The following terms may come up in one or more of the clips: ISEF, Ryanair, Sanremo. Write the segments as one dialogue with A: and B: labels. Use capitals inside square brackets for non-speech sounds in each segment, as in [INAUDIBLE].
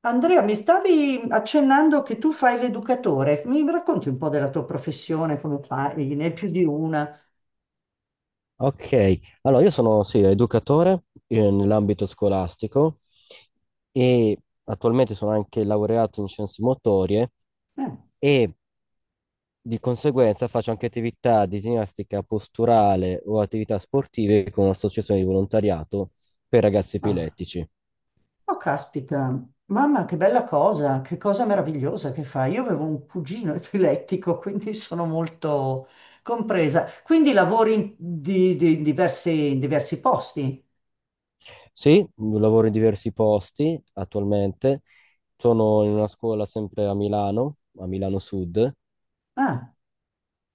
A: Andrea, mi stavi accennando che tu fai l'educatore. Mi racconti un po' della tua professione, come fai? Ne hai più di una?
B: Ok, allora io sono sì, educatore nell'ambito scolastico e attualmente sono anche laureato in scienze motorie
A: Eh,
B: e di conseguenza faccio anche attività di ginnastica posturale o attività sportive con un'associazione di volontariato per ragazzi
A: ah.
B: epilettici.
A: Oh, caspita, mamma, che bella cosa, che cosa meravigliosa che fai. Io avevo un cugino [LAUGHS] epilettico, quindi sono molto compresa. Quindi lavori in, in diversi posti?
B: Sì, lavoro in diversi posti attualmente, sono in una scuola sempre a Milano Sud
A: Ah,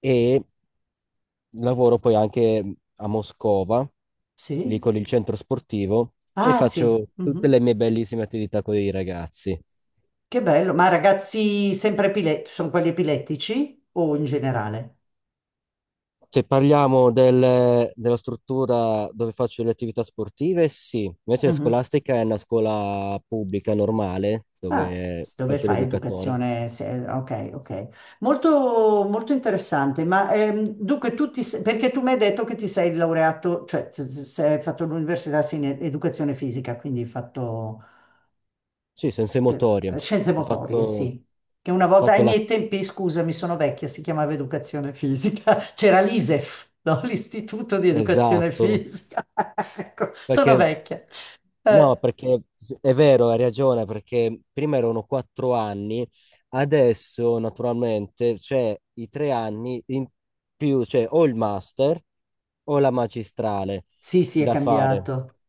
B: e lavoro poi anche a Moscova, lì
A: sì?
B: con il centro sportivo, e
A: Ah, sì.
B: faccio tutte le
A: Mhm.
B: mie bellissime attività con i ragazzi.
A: Che bello. Ma ragazzi sempre epilettici, sono quelli epilettici o in generale?
B: Se parliamo della struttura dove faccio le attività sportive, sì. Invece
A: Mhm.
B: scolastica è una scuola pubblica normale,
A: Ah,
B: dove
A: dove
B: faccio
A: fai
B: l'educatore.
A: educazione? Ok, ok. Molto, molto interessante. Ma dunque, tu ti, perché tu mi hai detto che ti sei laureato, cioè se hai fatto l'università sì, in educazione fisica, quindi hai fatto
B: Sì, sensomotorie.
A: scienze
B: Ho fatto,
A: motorie,
B: ho
A: sì. Che una volta
B: fatto
A: ai
B: la...
A: miei tempi, scusami, sono vecchia, si chiamava educazione fisica. [LAUGHS] C'era l'ISEF, no? L'Istituto di Educazione
B: Esatto,
A: Fisica. [LAUGHS] Ecco, sono
B: perché
A: vecchia.
B: no,
A: Eh,
B: perché è vero, hai ragione, perché prima erano 4 anni, adesso naturalmente c'è i 3 anni in più, cioè o il master o la magistrale
A: sì, sì, è
B: da fare.
A: cambiato.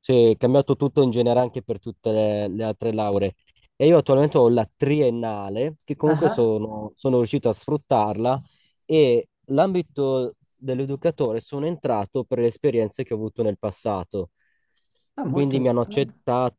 B: Sì, è cambiato tutto in genere anche per tutte le altre lauree. E io attualmente ho la triennale, che comunque
A: Ah.
B: sono riuscito a sfruttarla, e l'ambito dell'educatore sono entrato per le esperienze che ho avuto nel passato.
A: Ah, molto...
B: Quindi mi hanno
A: ah,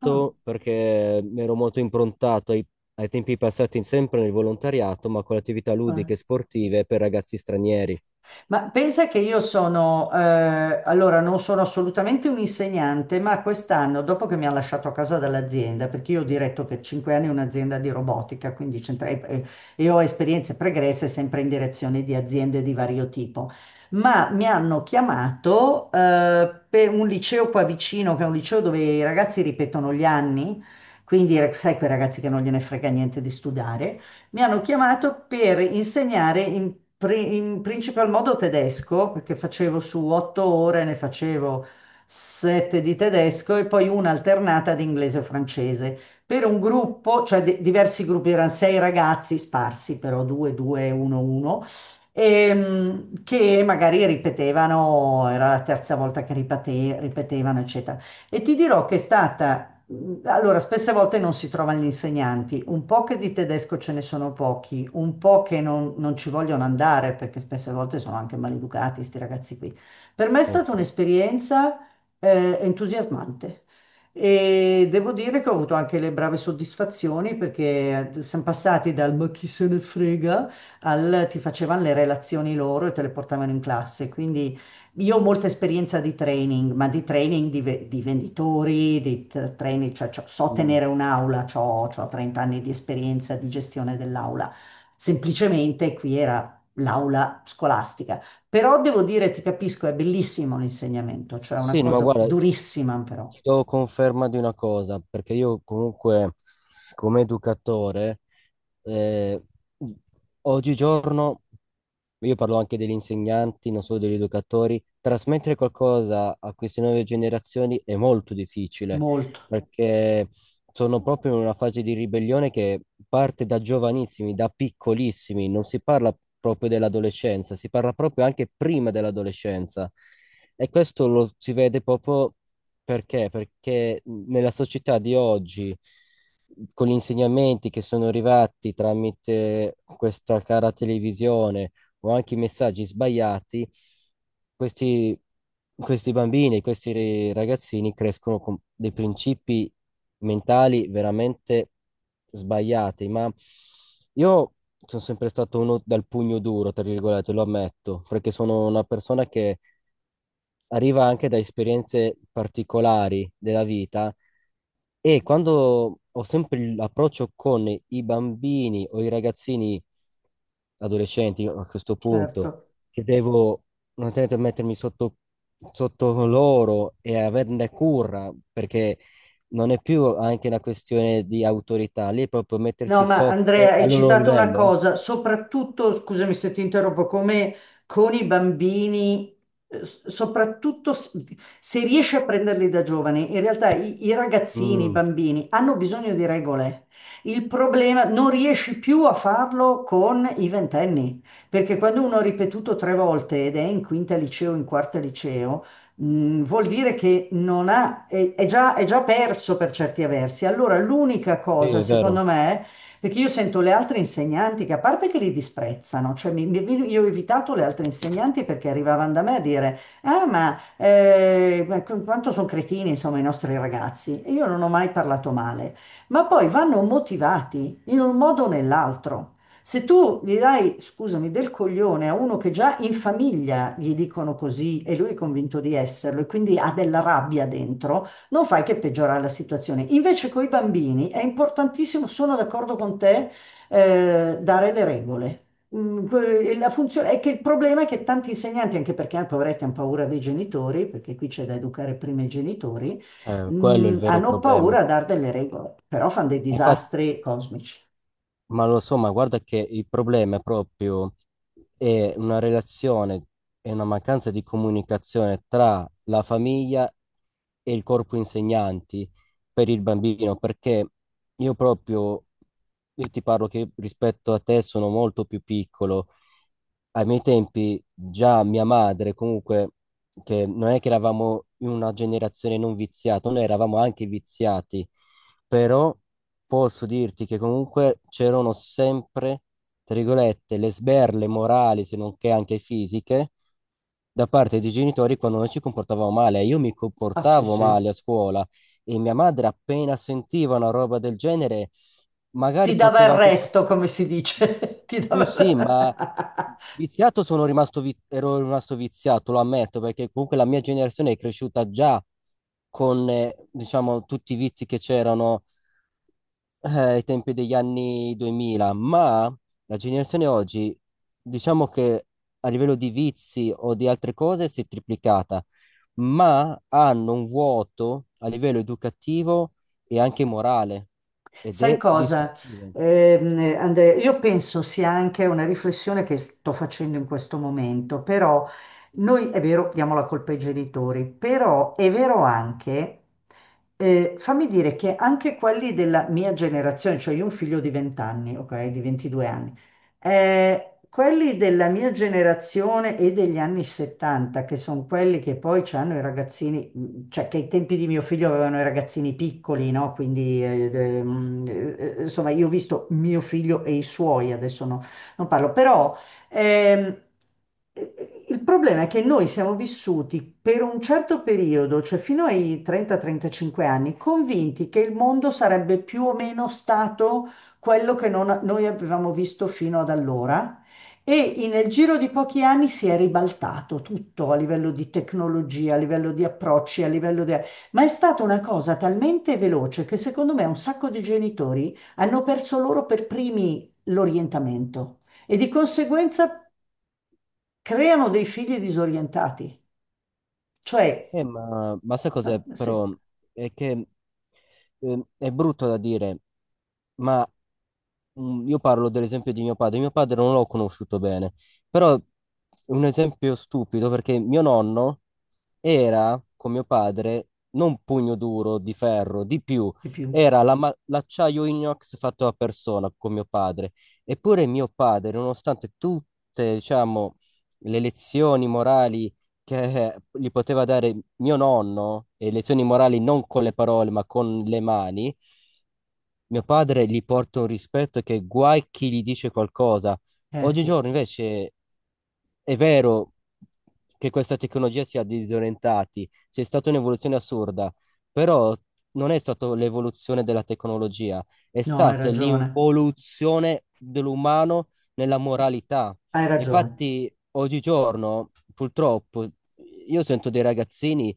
A: ah.
B: perché mi ero molto improntato ai tempi passati sempre nel volontariato, ma con attività
A: Eh.
B: ludiche e sportive per ragazzi stranieri.
A: Ma pensa che io sono, allora non sono assolutamente un insegnante, ma quest'anno, dopo che mi ha lasciato a casa dall'azienda, perché io ho diretto per cinque anni un'azienda di robotica, quindi e ho esperienze pregresse sempre in direzione di aziende di vario tipo, ma mi hanno chiamato, per un liceo qua vicino, che è un liceo dove i ragazzi ripetono gli anni, quindi sai quei ragazzi che non gliene frega niente di studiare. Mi hanno chiamato per insegnare in, in principal modo tedesco, perché facevo su otto ore, ne facevo sette di tedesco e poi una alternata di inglese o francese. Per un gruppo, cioè diversi gruppi, erano sei ragazzi sparsi, però due, due, uno, uno che magari ripetevano, era la terza volta che ripetevano, eccetera. E ti dirò che è stata allora, spesse volte non si trovano gli insegnanti, un po' che di tedesco ce ne sono pochi, un po' che non, non ci vogliono andare perché spesse volte sono anche maleducati, questi ragazzi qui. Per me è stata
B: Porca.
A: un'esperienza entusiasmante e devo dire che ho avuto anche le brave soddisfazioni perché siamo passati dal ma chi se ne frega al ti facevano le relazioni loro e te le portavano in classe, quindi io ho molta esperienza di training, ma di training di, di venditori, di training, cioè, so tenere
B: Mm.
A: un'aula, ho 30 anni di esperienza di gestione dell'aula. Semplicemente qui era l'aula scolastica. Però devo dire, ti capisco, è bellissimo l'insegnamento, cioè è una
B: Sì, no, ma
A: cosa
B: guarda, ti
A: durissima però,
B: do conferma di una cosa, perché io comunque come educatore, eh, oggigiorno, io parlo anche degli insegnanti, non solo degli educatori, trasmettere qualcosa a queste nuove generazioni è molto difficile,
A: molto,
B: perché sono proprio in una fase di ribellione che parte da giovanissimi, da piccolissimi, non si parla proprio dell'adolescenza, si parla proprio anche prima dell'adolescenza. E questo lo si vede proprio perché? Perché nella società di oggi, con gli insegnamenti che sono arrivati tramite questa cara televisione o anche i messaggi sbagliati, questi, questi bambini, questi ragazzini crescono con dei principi mentali veramente sbagliati. Ma io sono sempre stato uno dal pugno duro, tra virgolette, lo ammetto, perché sono una persona che arriva anche da esperienze particolari della vita e quando ho sempre l'approccio con i bambini o i ragazzini adolescenti a questo punto,
A: certo.
B: che devo naturalmente mettermi sotto loro e averne cura, perché non è più anche una questione di autorità, lì è proprio
A: No,
B: mettersi
A: ma Andrea,
B: sotto
A: hai
B: al loro
A: citato una
B: livello. Eh.
A: cosa, soprattutto, scusami se ti interrompo, come con i bambini, soprattutto se riesci a prenderli da giovani, in realtà i, i ragazzini, i
B: Mm,
A: bambini hanno bisogno di regole. Il problema, non riesci più a farlo con i ventenni, perché quando uno ha ripetuto tre volte ed è in quinta liceo, in quarta liceo, mm, vuol dire che non ha, è, è già perso per certi versi. Allora, l'unica
B: sì,
A: cosa,
B: è
A: secondo
B: vero.
A: me, perché io sento le altre insegnanti che a parte che li disprezzano, cioè io ho evitato le altre insegnanti perché arrivavano da me a dire, ah ma quanto sono cretini insomma i nostri ragazzi e io non ho mai parlato male, ma poi vanno motivati in un modo o nell'altro. Se tu gli dai, scusami, del coglione a uno che già in famiglia gli dicono così e lui è convinto di esserlo e quindi ha della rabbia dentro, non fai che peggiorare la situazione. Invece con i bambini è importantissimo, sono d'accordo con te, dare le regole. Mm, la funzione è che il problema è che tanti insegnanti, anche perché poveretti hanno paura dei genitori, perché qui c'è da educare prima i genitori,
B: Quello è
A: mm,
B: il vero
A: hanno
B: problema.
A: paura a dare delle regole, però fanno dei
B: Infatti.
A: disastri cosmici.
B: Ma lo so, ma guarda che il problema è una relazione, è una mancanza di comunicazione tra la famiglia e il corpo insegnanti per il bambino, perché io proprio, io ti parlo che rispetto a te sono molto più piccolo. Ai miei tempi già mia madre, comunque, che non è che eravamo in una generazione non viziata, noi eravamo anche viziati, però posso dirti che comunque c'erano sempre, tra virgolette, le sberle morali, se non che anche fisiche, da parte dei genitori quando noi ci comportavamo male. Io mi
A: Ah, sì,
B: comportavo
A: sì.
B: male a scuola e mia madre appena sentiva una roba del genere,
A: Ti
B: magari
A: dava il
B: poteva anche
A: resto,
B: passare.
A: come si dice. [LAUGHS] Ti
B: Sì,
A: dava...
B: sì, ma viziato sono rimasto, ero rimasto viziato, lo ammetto, perché comunque la mia generazione è cresciuta già con, diciamo, tutti i vizi che c'erano ai tempi degli anni 2000, ma la generazione oggi, diciamo che a livello di vizi o di altre cose si è triplicata, ma hanno un vuoto a livello educativo e anche morale ed
A: Sai
B: è
A: cosa,
B: distruttivo.
A: Andrea? Io penso sia anche una riflessione che sto facendo in questo momento, però noi è vero, diamo la colpa ai genitori, però è vero anche, fammi dire che anche quelli della mia generazione, cioè io ho un figlio di 20 anni, ok, di 22 anni, quelli della mia generazione e degli anni 70, che sono quelli che poi hanno i ragazzini, cioè che ai tempi di mio figlio avevano i ragazzini piccoli, no? Quindi, insomma, io ho visto mio figlio e i suoi, adesso non parlo, però ehm, il problema è che noi siamo vissuti per un certo periodo, cioè fino ai 30-35 anni, convinti che il mondo sarebbe più o meno stato quello che noi avevamo visto fino ad allora. E nel giro di pochi anni si è ribaltato tutto a livello di tecnologia, a livello di approcci, a livello di... Ma è stata una cosa talmente veloce che secondo me un sacco di genitori hanno perso loro per primi l'orientamento e di conseguenza creano dei figli disorientati. Cioè,
B: Ma sai cos'è
A: ah, sì,
B: però? È che è brutto da dire, ma io parlo dell'esempio di mio padre. Mio padre non l'ho conosciuto bene, però è un esempio stupido perché mio nonno era, con mio padre, non pugno duro di ferro, di più,
A: di più.
B: era la l'acciaio inox fatto a persona con mio padre. Eppure mio padre, nonostante tutte, diciamo, le lezioni morali che gli poteva dare mio nonno, e lezioni morali non con le parole, ma con le mani, mio padre gli porta un rispetto che guai chi gli dice qualcosa.
A: Eh sì,
B: Oggigiorno invece è vero che questa tecnologia sia disorientati, c'è stata un'evoluzione assurda, però non è stata l'evoluzione della tecnologia, è
A: no, hai
B: stata
A: ragione,
B: l'involuzione dell'umano nella moralità.
A: hai ragione.
B: Infatti, oggigiorno, purtroppo, io sento dei ragazzini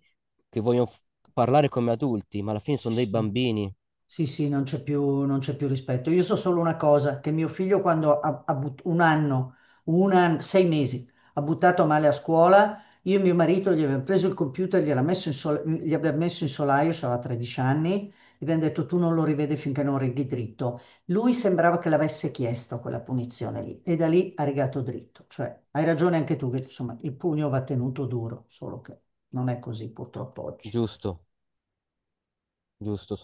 B: che vogliono parlare come adulti, ma alla fine
A: Sì,
B: sono dei
A: sì.
B: bambini,
A: Sì, sì, non c'è più, non c'è più rispetto. Io so solo una cosa, che mio figlio quando ha, un anno, sei mesi, ha buttato male a scuola, io e mio marito gli abbiamo preso il computer, gli abbiamo messo in solaio, aveva 13 anni, gli abbiamo detto tu non lo rivedi finché non righi dritto. Lui sembrava che l'avesse chiesto quella punizione lì e da lì ha rigato dritto. Cioè, hai ragione anche tu che insomma il pugno va tenuto duro, solo che non è così purtroppo oggi.
B: giusto, giusto.